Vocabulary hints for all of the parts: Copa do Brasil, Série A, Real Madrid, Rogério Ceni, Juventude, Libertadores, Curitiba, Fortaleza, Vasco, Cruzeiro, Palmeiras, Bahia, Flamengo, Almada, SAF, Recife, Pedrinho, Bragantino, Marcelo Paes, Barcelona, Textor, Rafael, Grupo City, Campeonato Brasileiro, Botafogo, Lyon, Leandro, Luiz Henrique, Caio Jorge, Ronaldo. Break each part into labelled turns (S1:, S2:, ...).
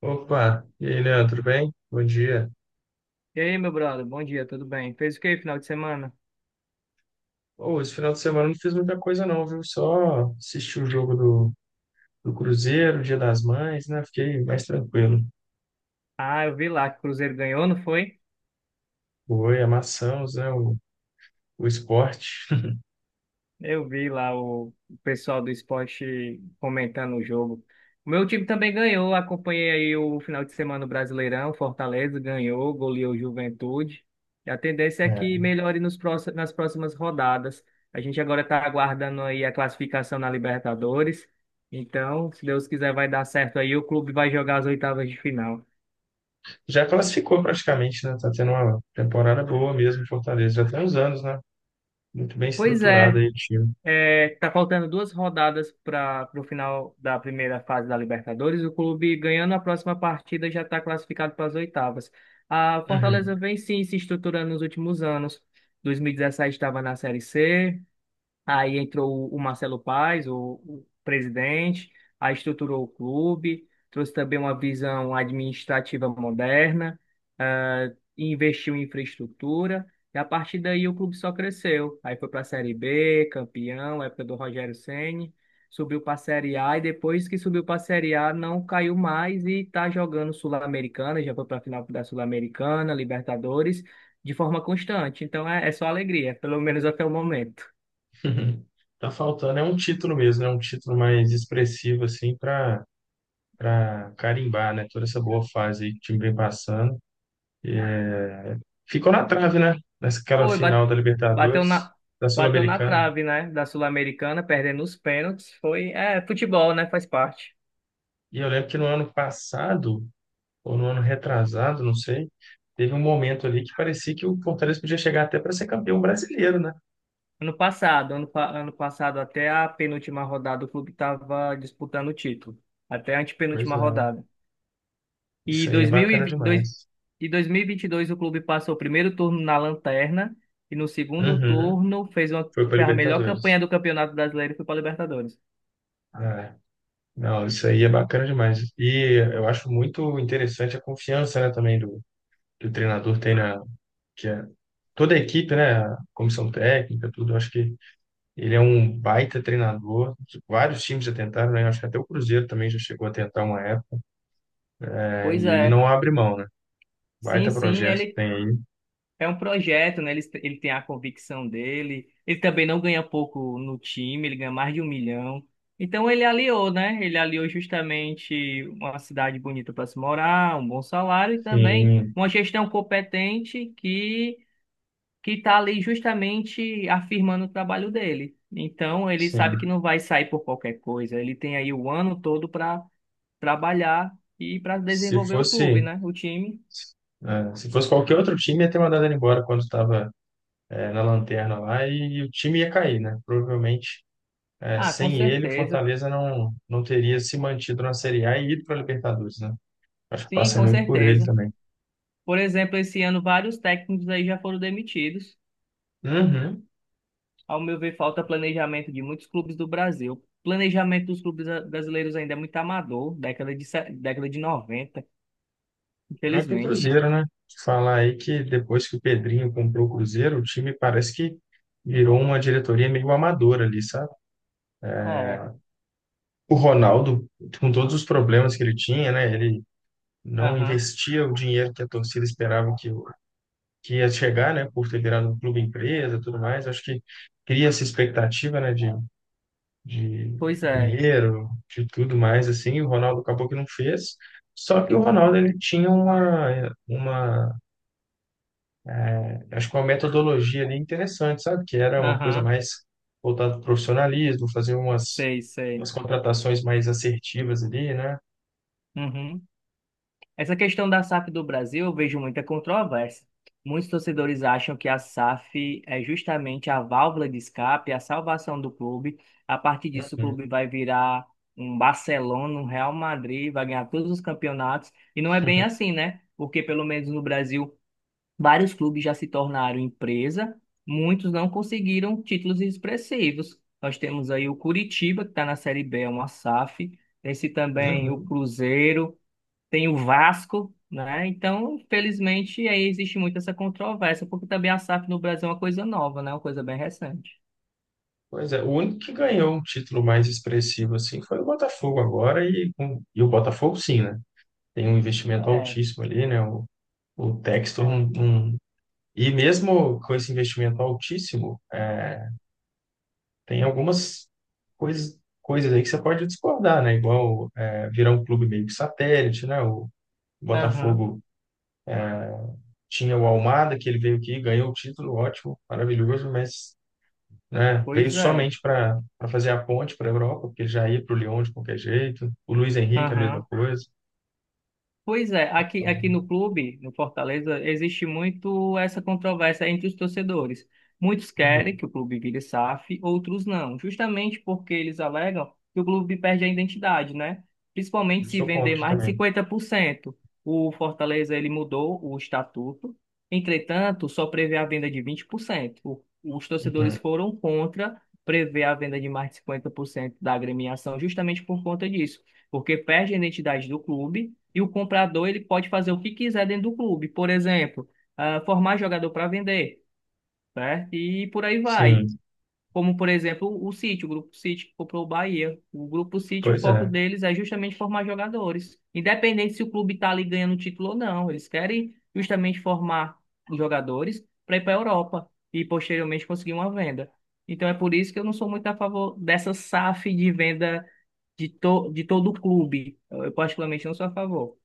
S1: Opa, e aí, Leandro, tudo bem? Bom dia.
S2: E aí, meu brother, bom dia, tudo bem? Fez o que final de semana?
S1: Ô, esse final de semana eu não fiz muita coisa não, viu? Só assisti o jogo do Cruzeiro, Dia das Mães, né? Fiquei mais tranquilo.
S2: Ah, eu vi lá que o Cruzeiro ganhou, não foi?
S1: Oi, amassamos, né? O esporte.
S2: Eu vi lá o pessoal do esporte comentando o jogo. O meu time também ganhou, acompanhei aí o final de semana do Brasileirão, Fortaleza ganhou, goleou o Juventude. E a tendência é que
S1: É.
S2: melhore nas próximas rodadas. A gente agora está aguardando aí a classificação na Libertadores. Então, se Deus quiser, vai dar certo aí, o clube vai jogar as oitavas de final.
S1: Já classificou praticamente, né? Tá tendo uma temporada boa mesmo em Fortaleza. Já tem uns anos, né? Muito bem
S2: Pois
S1: estruturado
S2: é.
S1: aí o time.
S2: É, tá faltando duas rodadas para o final da primeira fase da Libertadores. O clube ganhando a próxima partida já está classificado para as oitavas. A Fortaleza vem sim se estruturando nos últimos anos. 2017 estava na Série C. Aí entrou o Marcelo Paes, o presidente, aí estruturou o clube, trouxe também uma visão administrativa moderna, ah, e investiu em infraestrutura, e a partir daí o clube só cresceu. Aí foi para a Série B, campeão, época do Rogério Ceni, subiu para a Série A, e depois que subiu para a Série A não caiu mais e está jogando Sul-Americana, já foi para a final da Sul-Americana, Libertadores, de forma constante. Então é só alegria, pelo menos até o momento.
S1: Uhum. Tá faltando, é um título mesmo, é um título mais expressivo, assim, para carimbar, né? Toda essa boa fase aí que o time vem passando. Ficou na trave, né? Naquela
S2: Foi,
S1: final da
S2: bateu
S1: Libertadores,
S2: na,
S1: da
S2: bateu na
S1: Sul-Americana.
S2: trave, né, da Sul-Americana, perdendo os pênaltis. Foi, é, futebol, né, faz parte.
S1: E eu lembro que no ano passado, ou no ano retrasado, não sei, teve um momento ali que parecia que o Fortaleza podia chegar até para ser campeão brasileiro, né?
S2: Ano passado, ano passado até a penúltima rodada o clube estava disputando o título, até a
S1: Pois
S2: antepenúltima
S1: é.
S2: rodada. E
S1: Isso aí é bacana demais.
S2: dois mil e vinte e dois o clube passou o primeiro turno na lanterna e no segundo
S1: Uhum.
S2: turno
S1: Foi para
S2: fez a melhor campanha
S1: Libertadores.
S2: do Campeonato Brasileiro e foi para Libertadores.
S1: É. Não, isso aí é bacana demais. E eu acho muito interessante a confiança, né, também que o treinador tem na, que é toda a equipe, né, a comissão técnica, tudo. Eu acho que ele é um baita treinador. Vários times já tentaram, né? Acho que até o Cruzeiro também já chegou a tentar uma época, né?
S2: Pois
S1: E ele
S2: é,
S1: não abre mão, né?
S2: sim,
S1: Baita
S2: sim,
S1: projeto que
S2: ele
S1: tem aí.
S2: é um projeto, né? Ele tem a convicção dele. Ele também não ganha pouco no time, ele ganha mais de 1 milhão. Então ele aliou, né? Ele aliou justamente uma cidade bonita para se morar, um bom salário e também
S1: Sim,
S2: uma gestão competente que está ali justamente afirmando o trabalho dele. Então ele sabe que
S1: sim.
S2: não vai sair por qualquer coisa. Ele tem aí o ano todo para trabalhar e para
S1: Se
S2: desenvolver o clube,
S1: fosse,
S2: né? O time.
S1: é, se fosse qualquer outro time, ia ter mandado ele embora quando estava, é, na lanterna lá e, o time ia cair, né? Provavelmente, é,
S2: Ah, com
S1: sem ele, o
S2: certeza.
S1: Fortaleza não teria se mantido na Série A e ido para a Libertadores, né? Acho que
S2: Sim,
S1: passa
S2: com
S1: muito por ele
S2: certeza.
S1: também.
S2: Por exemplo, esse ano vários técnicos aí já foram demitidos.
S1: Uhum.
S2: Ao meu ver, falta planejamento de muitos clubes do Brasil. Planejamento dos clubes brasileiros ainda é muito amador, década de, década de 90,
S1: O próprio
S2: infelizmente.
S1: Cruzeiro, né? Falar aí que depois que o Pedrinho comprou o Cruzeiro, o time parece que virou uma diretoria meio amadora ali, sabe?
S2: É,
S1: O Ronaldo, com todos os problemas que ele tinha, né? Ele não
S2: aham,
S1: investia o dinheiro que a torcida esperava que ia chegar, né? Por ter virado um clube empresa, e tudo mais. Acho que cria essa expectativa, né? De
S2: pois é,
S1: dinheiro, de tudo mais assim. O Ronaldo acabou que não fez. Só que o Ronaldo ele tinha uma acho que uma metodologia ali interessante, sabe? Que era uma coisa
S2: aham.
S1: mais voltada para o profissionalismo, fazer
S2: Sei, sei.
S1: umas contratações mais assertivas ali, né?
S2: Uhum. Essa questão da SAF do Brasil, eu vejo muita controvérsia. Muitos torcedores acham que a SAF é justamente a válvula de escape, a salvação do clube. A partir disso, o
S1: Uhum.
S2: clube vai virar um Barcelona, um Real Madrid, vai ganhar todos os campeonatos. E não é bem assim, né? Porque, pelo menos no Brasil, vários clubes já se tornaram empresa, muitos não conseguiram títulos expressivos. Nós temos aí o Curitiba, que está na Série B, é uma SAF. Esse também, o
S1: Uhum.
S2: Cruzeiro tem o Vasco, né? Então, infelizmente, aí existe muito essa controvérsia, porque também a SAF no Brasil é uma coisa nova, né? Uma coisa bem recente.
S1: Pois é, o único que ganhou um título mais expressivo assim foi o Botafogo agora e o Botafogo sim, né? Tem um investimento
S2: É,
S1: altíssimo ali, né? O Textor não,
S2: é.
S1: não- e mesmo com esse investimento altíssimo, é, tem algumas coisas aí que você pode discordar, né? Igual é, virar um clube meio que satélite, né? O
S2: Aham,
S1: Botafogo tinha o Almada, que ele veio aqui, ganhou o título, ótimo, maravilhoso, mas né, veio
S2: pois é.
S1: somente para fazer a ponte para a Europa, porque ele já ia para o Lyon de qualquer jeito. O Luiz Henrique, a mesma
S2: Aham.
S1: coisa.
S2: Pois é, aqui
S1: Então,
S2: no clube, no Fortaleza, existe muito essa controvérsia entre os torcedores. Muitos querem
S1: uhum,
S2: que o clube vire SAF, outros não, justamente porque eles alegam que o clube perde a identidade, né? Principalmente
S1: eu
S2: se
S1: sou
S2: vender
S1: contra
S2: mais de
S1: também.
S2: 50%. O Fortaleza, ele mudou o estatuto, entretanto, só prevê a venda de 20%. Os torcedores
S1: Uhum,
S2: foram contra prever a venda de mais de 50% da agremiação justamente por conta disso, porque perde a identidade do clube e o comprador ele pode fazer o que quiser dentro do clube. Por exemplo, ah, formar jogador para vender, certo? E por aí vai.
S1: sim,
S2: Como, por exemplo, o City, o Grupo City que comprou o Bahia. O Grupo City, o
S1: pois
S2: foco
S1: é.
S2: deles é justamente formar jogadores. Independente se o clube está ali ganhando título ou não, eles querem justamente formar jogadores para ir para a Europa e posteriormente conseguir uma venda. Então é por isso que eu não sou muito a favor dessa SAF de venda de todo o clube. Eu particularmente não sou a favor.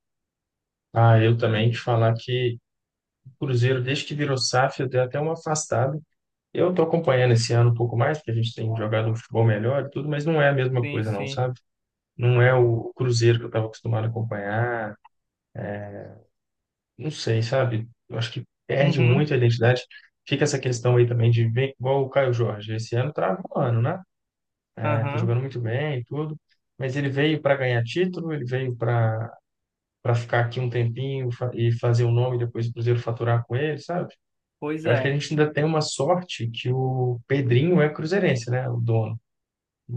S1: Ah, eu também te falar que o Cruzeiro, desde que virou SAF, eu dei até uma afastada. Eu tô acompanhando esse ano um pouco mais, porque a gente tem jogado um futebol melhor e tudo, mas não é a mesma
S2: Sim,
S1: coisa, não,
S2: sim.
S1: sabe? Não é o Cruzeiro que eu estava acostumado a acompanhar. Não sei, sabe? Eu acho que perde muito
S2: Uhum,
S1: a identidade. Fica essa questão aí também de ver, igual o Caio Jorge. Esse ano tá voando, né? É, tá
S2: aham,
S1: jogando muito bem e tudo. Mas ele veio para ganhar título, ele veio para ficar aqui um tempinho e fazer o nome e depois o Cruzeiro faturar com ele, sabe?
S2: pois
S1: Eu acho que a
S2: é.
S1: gente ainda tem uma sorte que o Pedrinho é cruzeirense, né? O dono.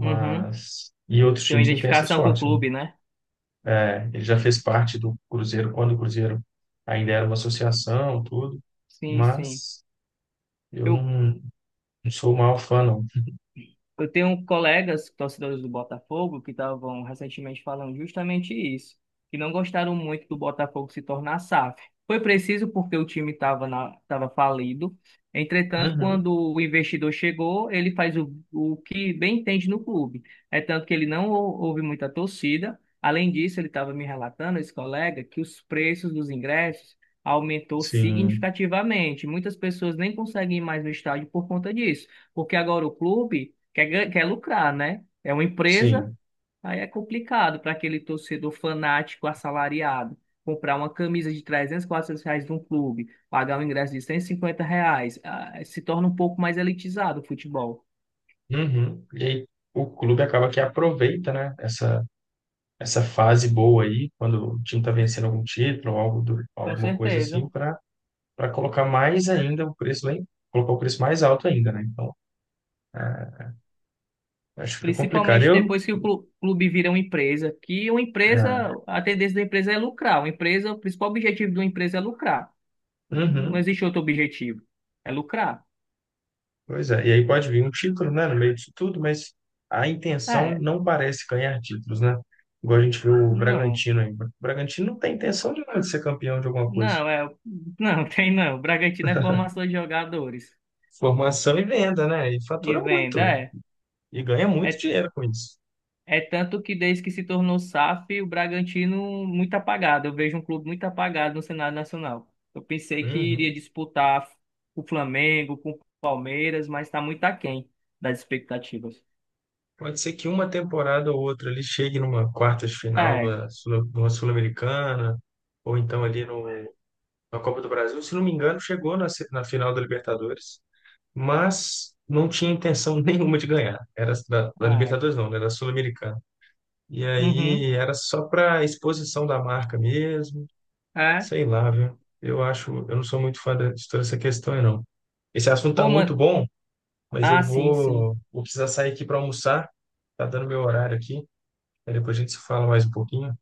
S2: Uhum.
S1: e outros
S2: Tem uma
S1: times não têm essa
S2: identificação com o
S1: sorte, né?
S2: clube, né?
S1: É, ele já fez parte do Cruzeiro quando o Cruzeiro ainda era uma associação, tudo,
S2: Sim, sim.
S1: mas eu
S2: Eu,
S1: não sou o maior fã, não.
S2: Eu tenho colegas torcedores do Botafogo que estavam recentemente falando justamente isso, que não gostaram muito do Botafogo se tornar SAF. Foi preciso porque o time tava falido. Entretanto,
S1: Uhum,
S2: quando o investidor chegou, ele faz o que bem entende no clube. É tanto que ele não houve muita torcida. Além disso, ele estava me relatando, esse colega, que os preços dos ingressos aumentou
S1: sim,
S2: significativamente. Muitas pessoas nem conseguem ir mais no estádio por conta disso porque agora o clube quer lucrar, né? É uma empresa,
S1: sim.
S2: aí é complicado para aquele torcedor fanático assalariado comprar uma camisa de 300 400 reais de um clube, pagar um ingresso de R$ 150, ah, se torna um pouco mais elitizado o futebol.
S1: Uhum. E aí o clube acaba que aproveita, né, essa fase boa aí, quando o time está vencendo algum título ou algo do,
S2: Com
S1: alguma coisa assim,
S2: certeza.
S1: para colocar mais ainda o preço lá, colocar o preço mais alto ainda, né? Então, é, acho que fica complicado.
S2: Principalmente
S1: Eu,
S2: depois que o clube vira uma empresa, que uma empresa,
S1: é,
S2: a tendência da empresa é lucrar. Uma empresa, o principal objetivo de uma empresa é lucrar. Não
S1: uhum.
S2: existe outro objetivo. É lucrar?
S1: Pois é, e aí pode vir um título, né, no meio disso tudo, mas a intenção
S2: É,
S1: não parece ganhar títulos, né? Igual a gente viu o
S2: não.
S1: Bragantino aí. O Bragantino não tem intenção de nada de ser campeão de alguma coisa.
S2: Não, é, não, tem não. O Bragantino é formação de jogadores
S1: Formação e venda, né? E
S2: e
S1: fatura
S2: venda,
S1: muito
S2: é.
S1: e ganha muito
S2: É,
S1: dinheiro com isso.
S2: é tanto que desde que se tornou SAF, o Bragantino muito apagado. Eu vejo um clube muito apagado no cenário nacional. Eu pensei que iria
S1: Uhum.
S2: disputar com o Flamengo, com o Palmeiras, mas está muito aquém das expectativas.
S1: Pode ser que uma temporada ou outra ele chegue numa quarta de final
S2: É,
S1: de uma Sul-Americana, ou então ali no, na Copa do Brasil. Se não me engano, chegou na, se- na final da Libertadores. Mas não tinha intenção nenhuma de ganhar. Era da
S2: é.
S1: Libertadores, não, né? Da Sul-Americana. E
S2: Uhum,
S1: aí era só para exposição da marca mesmo,
S2: é.
S1: sei lá, viu? Eu acho, eu não sou muito fã de toda essa questão, aí, não. Esse assunto tá
S2: Pô,
S1: muito
S2: mano.
S1: bom, mas eu
S2: Ah, sim, sim.
S1: vou precisar sair aqui para almoçar. Tá dando meu horário aqui. Aí depois a gente se fala mais um pouquinho.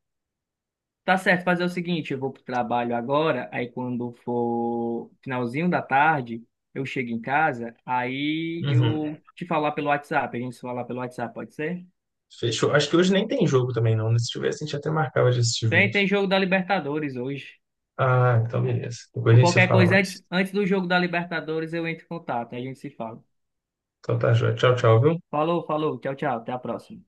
S2: Tá certo, fazer o seguinte, eu vou pro trabalho agora, aí quando for finalzinho da tarde, eu chego em casa, aí
S1: Uhum.
S2: eu te falar pelo WhatsApp, a gente se falar pelo WhatsApp, pode ser?
S1: Fechou. Acho que hoje nem tem jogo também, não, né? Se tivesse, a gente até marcava de assistir
S2: Tem,
S1: junto.
S2: tem jogo da Libertadores hoje.
S1: Ah, então beleza. Depois a
S2: Por
S1: gente se
S2: qualquer
S1: fala
S2: coisa,
S1: mais.
S2: antes do jogo da Libertadores, eu entro em contato, aí a gente se fala.
S1: Então tá, joia. Tchau, tchau, viu?
S2: Falou, falou, tchau, tchau, até a próxima.